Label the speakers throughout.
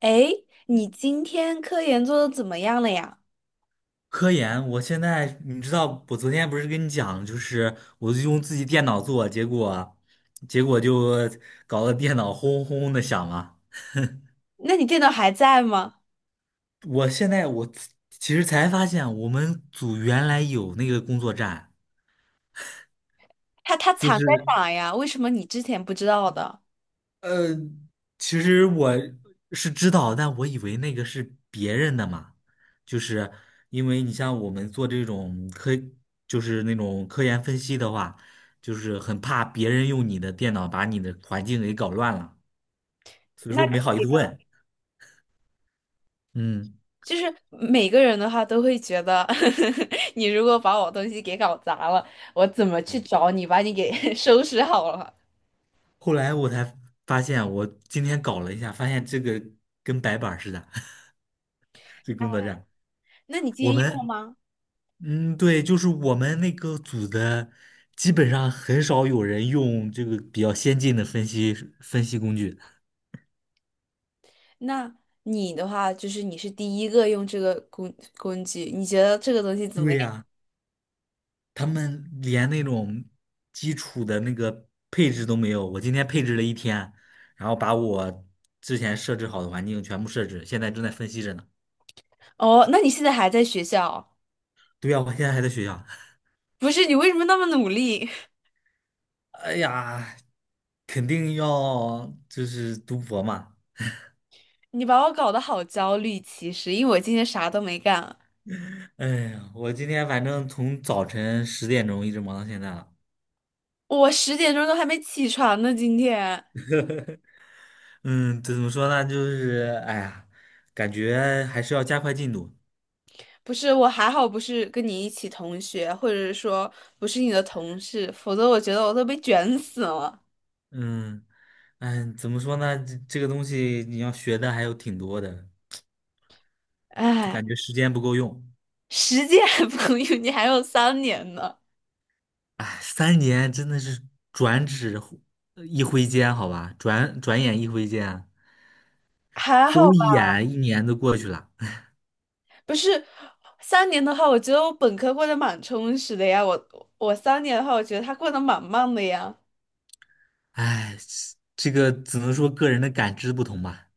Speaker 1: 诶，你今天科研做的怎么样了呀？
Speaker 2: 科研，我现在你知道，我昨天不是跟你讲，就是我就用自己电脑做，结果就搞得电脑轰轰轰的响嘛。
Speaker 1: 那你电脑还在吗？
Speaker 2: 我现在我其实才发现，我们组原来有那个工作站，
Speaker 1: 它
Speaker 2: 就
Speaker 1: 藏在
Speaker 2: 是。
Speaker 1: 哪呀？为什么你之前不知道的？
Speaker 2: 呃，其实我是知道，但我以为那个是别人的嘛，就是因为你像我们做这种科，就是那种科研分析的话，就是很怕别人用你的电脑把你的环境给搞乱了，所以
Speaker 1: 那
Speaker 2: 说
Speaker 1: 可
Speaker 2: 没好意
Speaker 1: 以
Speaker 2: 思
Speaker 1: 啊，
Speaker 2: 问。嗯，
Speaker 1: 就是每个人的话都会觉得，你如果把我东西给搞砸了，我怎么去找你把你给 收拾好了？
Speaker 2: 后来我才发现，我今天搞了一下，发现这个跟白板儿似的，这工作站，
Speaker 1: 那你今
Speaker 2: 我
Speaker 1: 天用了
Speaker 2: 们
Speaker 1: 吗？
Speaker 2: 嗯，对，就是我们那个组的，基本上很少有人用这个比较先进的分析工具。
Speaker 1: 那你的话就是你是第一个用这个工具，你觉得这个东西怎么
Speaker 2: 对
Speaker 1: 样？
Speaker 2: 呀，他们连那种基础的那个配置都没有。我今天配置了一天，然后把我之前设置好的环境全部设置，现在正在分析着呢。
Speaker 1: 哦，那你现在还在学校啊？
Speaker 2: 对呀，我现在还在学校。
Speaker 1: 不是，你为什么那么努力？
Speaker 2: 哎呀，肯定要就是读博嘛。
Speaker 1: 你把我搞得好焦虑，其实因为我今天啥都没干，
Speaker 2: 哎呀，我今天反正从早晨10点钟一直忙到现在了。
Speaker 1: 我10点钟都还没起床呢。今天
Speaker 2: 嗯，怎么说呢？哎呀，感觉还是要加快进度。
Speaker 1: 不是我还好，不是跟你一起同学，或者说不是你的同事，否则我觉得我都被卷死了。
Speaker 2: 嗯，哎，怎么说呢？这个东西你要学的还有挺多的，就
Speaker 1: 哎，
Speaker 2: 感觉时间不够用。
Speaker 1: 10届还不够用，你还有三年呢，
Speaker 2: 哎，3年真的是转指忽一挥间，好吧，转眼一挥间啊，
Speaker 1: 还好
Speaker 2: 走
Speaker 1: 吧？
Speaker 2: 一眼1年都过去了。
Speaker 1: 不是三年的话，我觉得我本科过得蛮充实的呀。我三年的话，我觉得他过得蛮慢的呀。
Speaker 2: 哎，这个只能说个人的感知不同吧，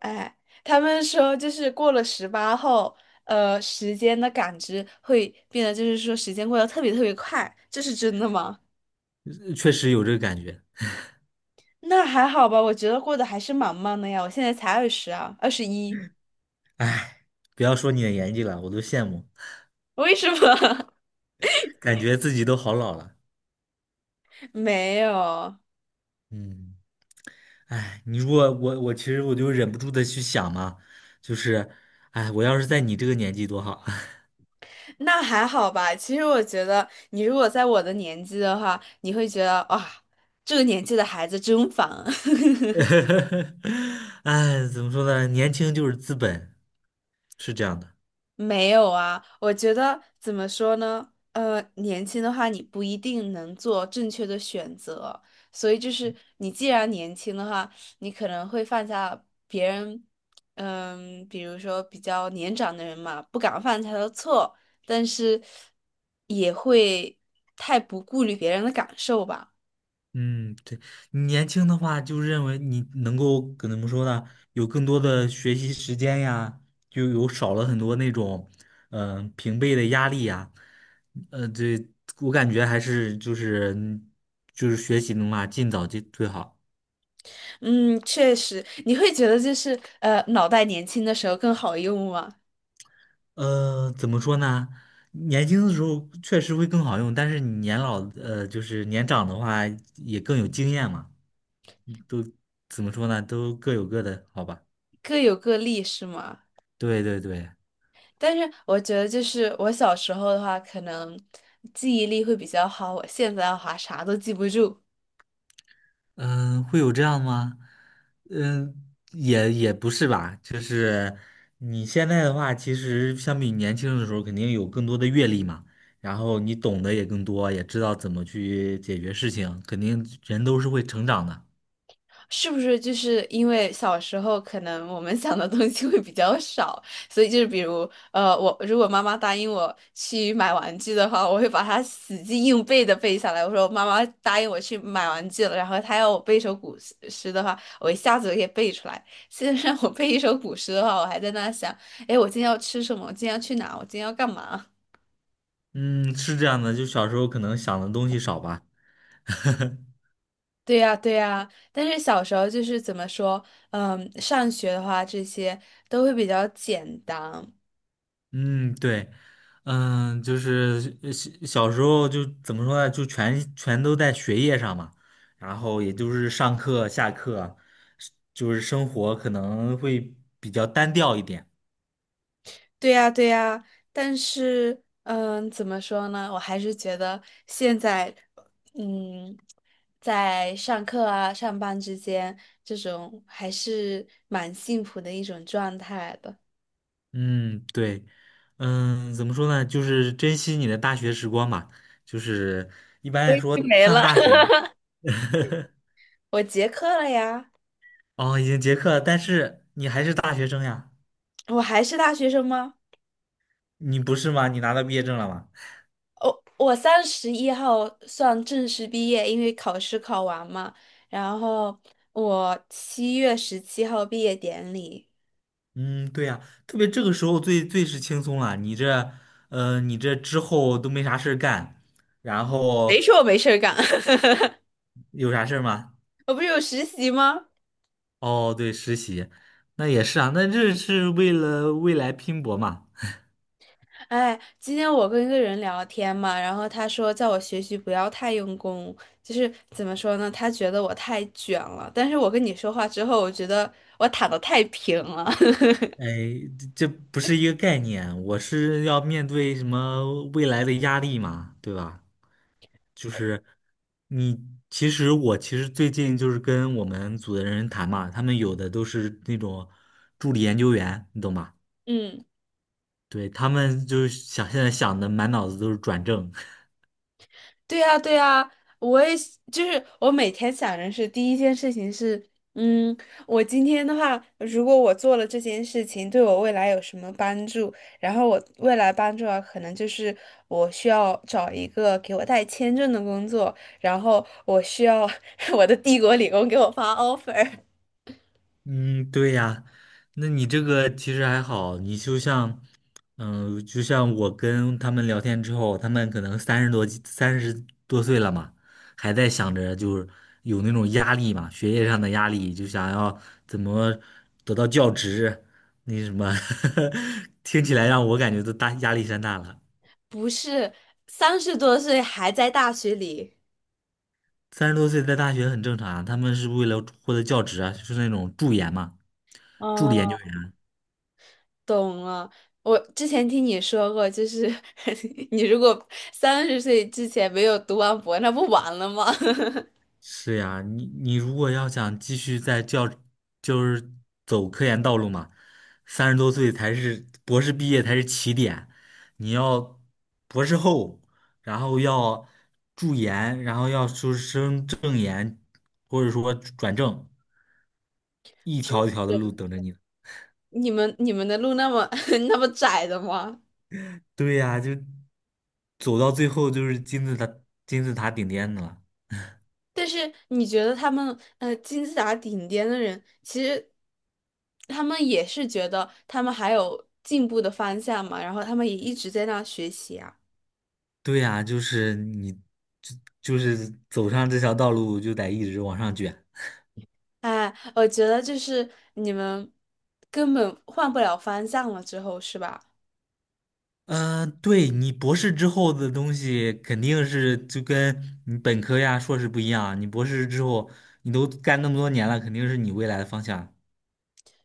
Speaker 1: 哎，他们说就是过了18后，时间的感知会变得，就是说时间过得特别特别快，这是真的吗？
Speaker 2: 确实有这个感觉。
Speaker 1: 那还好吧，我觉得过得还是蛮慢的呀，我现在才二十啊，21，
Speaker 2: 哎，不要说你的年纪了，我都羡慕，
Speaker 1: 为什么？
Speaker 2: 感觉自己都好老了。
Speaker 1: 没有，
Speaker 2: 嗯。哎，你如果我我其实我就忍不住的去想嘛，就是，哎，我要是在你这个年纪多好。
Speaker 1: 那还好吧。其实我觉得，你如果在我的年纪的话，你会觉得哇，这个年纪的孩子真烦。
Speaker 2: 哎，怎么说呢？年轻就是资本，是这样的。
Speaker 1: 没有啊，我觉得怎么说呢？年轻的话，你不一定能做正确的选择，所以就是你既然年轻的话，你可能会犯下别人，嗯，比如说比较年长的人嘛，不敢犯下的错，但是也会太不顾虑别人的感受吧。
Speaker 2: 嗯，对，你年轻的话，就认为你能够跟怎么说呢？有更多的学习时间呀，就有少了很多那种，嗯、平辈的压力呀。呃，对，我感觉还是就是嗯就是学习的话，尽早就最好。
Speaker 1: 嗯，确实，你会觉得就是脑袋年轻的时候更好用吗？
Speaker 2: 呃，怎么说呢？年轻的时候确实会更好用，但是你年老，呃，就是年长的话也更有经验嘛。怎么说呢？都各有各的好吧？
Speaker 1: 各有各利是吗？
Speaker 2: 对对对，
Speaker 1: 但是我觉得，就是我小时候的话，可能记忆力会比较好。我现在的话，啥都记不住，
Speaker 2: 嗯、会有这样吗？嗯、也不是吧，就是你现在的话，其实相比年轻的时候，肯定有更多的阅历嘛，然后你懂得也更多，也知道怎么去解决事情，肯定人都是会成长的。
Speaker 1: 是不是？就是因为小时候可能我们想的东西会比较少，所以就是比如，我如果妈妈答应我去买玩具的话，我会把它死记硬背的背下来。我说妈妈答应我去买玩具了，然后她要我背一首古诗诗的话，我一下子就可以背出来。现在让我背一首古诗的话，我还在那想，哎，我今天要吃什么？我今天要去哪？我今天要干嘛？
Speaker 2: 嗯，是这样的，就小时候可能想的东西少吧。
Speaker 1: 对呀，对呀，但是小时候就是怎么说，嗯，上学的话这些都会比较简单。
Speaker 2: 嗯，对，嗯，就是小时候就怎么说呢，就全都在学业上嘛，然后也就是上课、下课，就是生活可能会比较单调一点。
Speaker 1: 对呀，对呀，但是，嗯，怎么说呢？我还是觉得现在，嗯，在上课啊、上班之间，这种还是蛮幸福的一种状态的。
Speaker 2: 嗯，对，嗯，怎么说呢，就是珍惜你的大学时光嘛，就是一般
Speaker 1: 我
Speaker 2: 来
Speaker 1: 已经
Speaker 2: 说
Speaker 1: 没
Speaker 2: 上
Speaker 1: 了。
Speaker 2: 大 学，
Speaker 1: 我结课了呀，
Speaker 2: 哦，已经结课了，但是你还是大学生呀，
Speaker 1: 我还是大学生吗？
Speaker 2: 你不是吗？你拿到毕业证了吗？
Speaker 1: 我我31号算正式毕业，因为考试考完嘛。然后我7月17号毕业典礼。
Speaker 2: 嗯，对呀，特别这个时候最是轻松了。你这，呃，你这之后都没啥事儿干，然
Speaker 1: 谁
Speaker 2: 后
Speaker 1: 说我没事儿干？
Speaker 2: 有啥事儿吗？
Speaker 1: 我不是有实习吗？
Speaker 2: 哦，对，实习，那也是啊，那这是为了未来拼搏嘛。
Speaker 1: 哎，今天我跟一个人聊天嘛，然后他说叫我学习不要太用功，就是怎么说呢？他觉得我太卷了，但是我跟你说话之后，我觉得我躺的太平了。
Speaker 2: 哎，这不是一个概念，我是要面对什么未来的压力嘛，对吧？就是你，其实最近就是跟我们组的人谈嘛，他们有的都是那种助理研究员，你懂吧？
Speaker 1: 嗯。
Speaker 2: 对，他们就是想现在想的满脑子都是转正。
Speaker 1: 对呀，对呀，我也是就是我每天想的是第一件事情是，嗯，我今天的话，如果我做了这件事情，对我未来有什么帮助？然后我未来帮助啊，可能就是我需要找一个给我带签证的工作，然后我需要 我的帝国理工给我发 offer，
Speaker 2: 嗯，对呀，那你这个其实还好，你就像，嗯、就像我跟他们聊天之后，他们可能30多、30多岁了嘛，还在想着就是有那种压力嘛，学业上的压力，就想要怎么得到教职，那什么，听起来让我感觉都大压力山大了。
Speaker 1: 不是30多岁还在大学里。
Speaker 2: 三十多岁在大学很正常啊，他们是为了获得教职啊，就是那种助研嘛，助理研究员。
Speaker 1: 懂了，我之前听你说过，就是 你如果30岁之前没有读完博，那不完了吗？
Speaker 2: 是呀，你如果要想继续在教，就是走科研道路嘛，三十多岁才是博士毕业才是起点，你要博士后，然后要助研，然后要出升正研，或者说转正，一条一条的路等着你。
Speaker 1: 你们的路那么 那么窄的吗？
Speaker 2: 对呀，就走到最后就是金字塔顶点的了。
Speaker 1: 但是你觉得他们金字塔顶尖的人，其实他们也是觉得他们还有进步的方向嘛，然后他们也一直在那学习啊。
Speaker 2: 对呀，就是你，就就是走上这条道路就得一直往上卷。
Speaker 1: 哎，我觉得就是你们根本换不了方向了之后，是吧？
Speaker 2: 嗯，对你博士之后的东西肯定是就跟你本科呀、硕士不一样。你博士之后，你都干那么多年了，肯定是你未来的方向，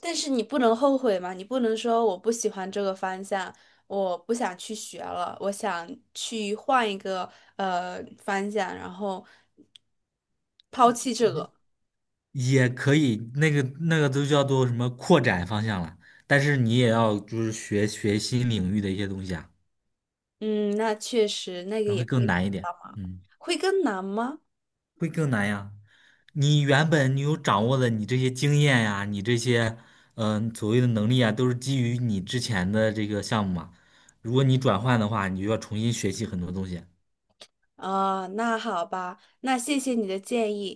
Speaker 1: 但是你不能后悔嘛，你不能说我不喜欢这个方向，我不想去学了，我想去换一个方向，然后抛弃这个。
Speaker 2: 也可以那个都叫做什么扩展方向了。但是你也要就是学学新领域的一些东西啊，
Speaker 1: 嗯，那确实那个
Speaker 2: 那
Speaker 1: 也
Speaker 2: 会更
Speaker 1: 会
Speaker 2: 难一点。嗯。
Speaker 1: 会更难吗？
Speaker 2: 会更难呀。你原本你有掌握的，你这些经验呀，你这些嗯、呃所谓的能力啊，都是基于你之前的这个项目嘛。如果你转换的话，你就要重新学习很多东西。
Speaker 1: 啊、那好吧，那谢谢你的建议。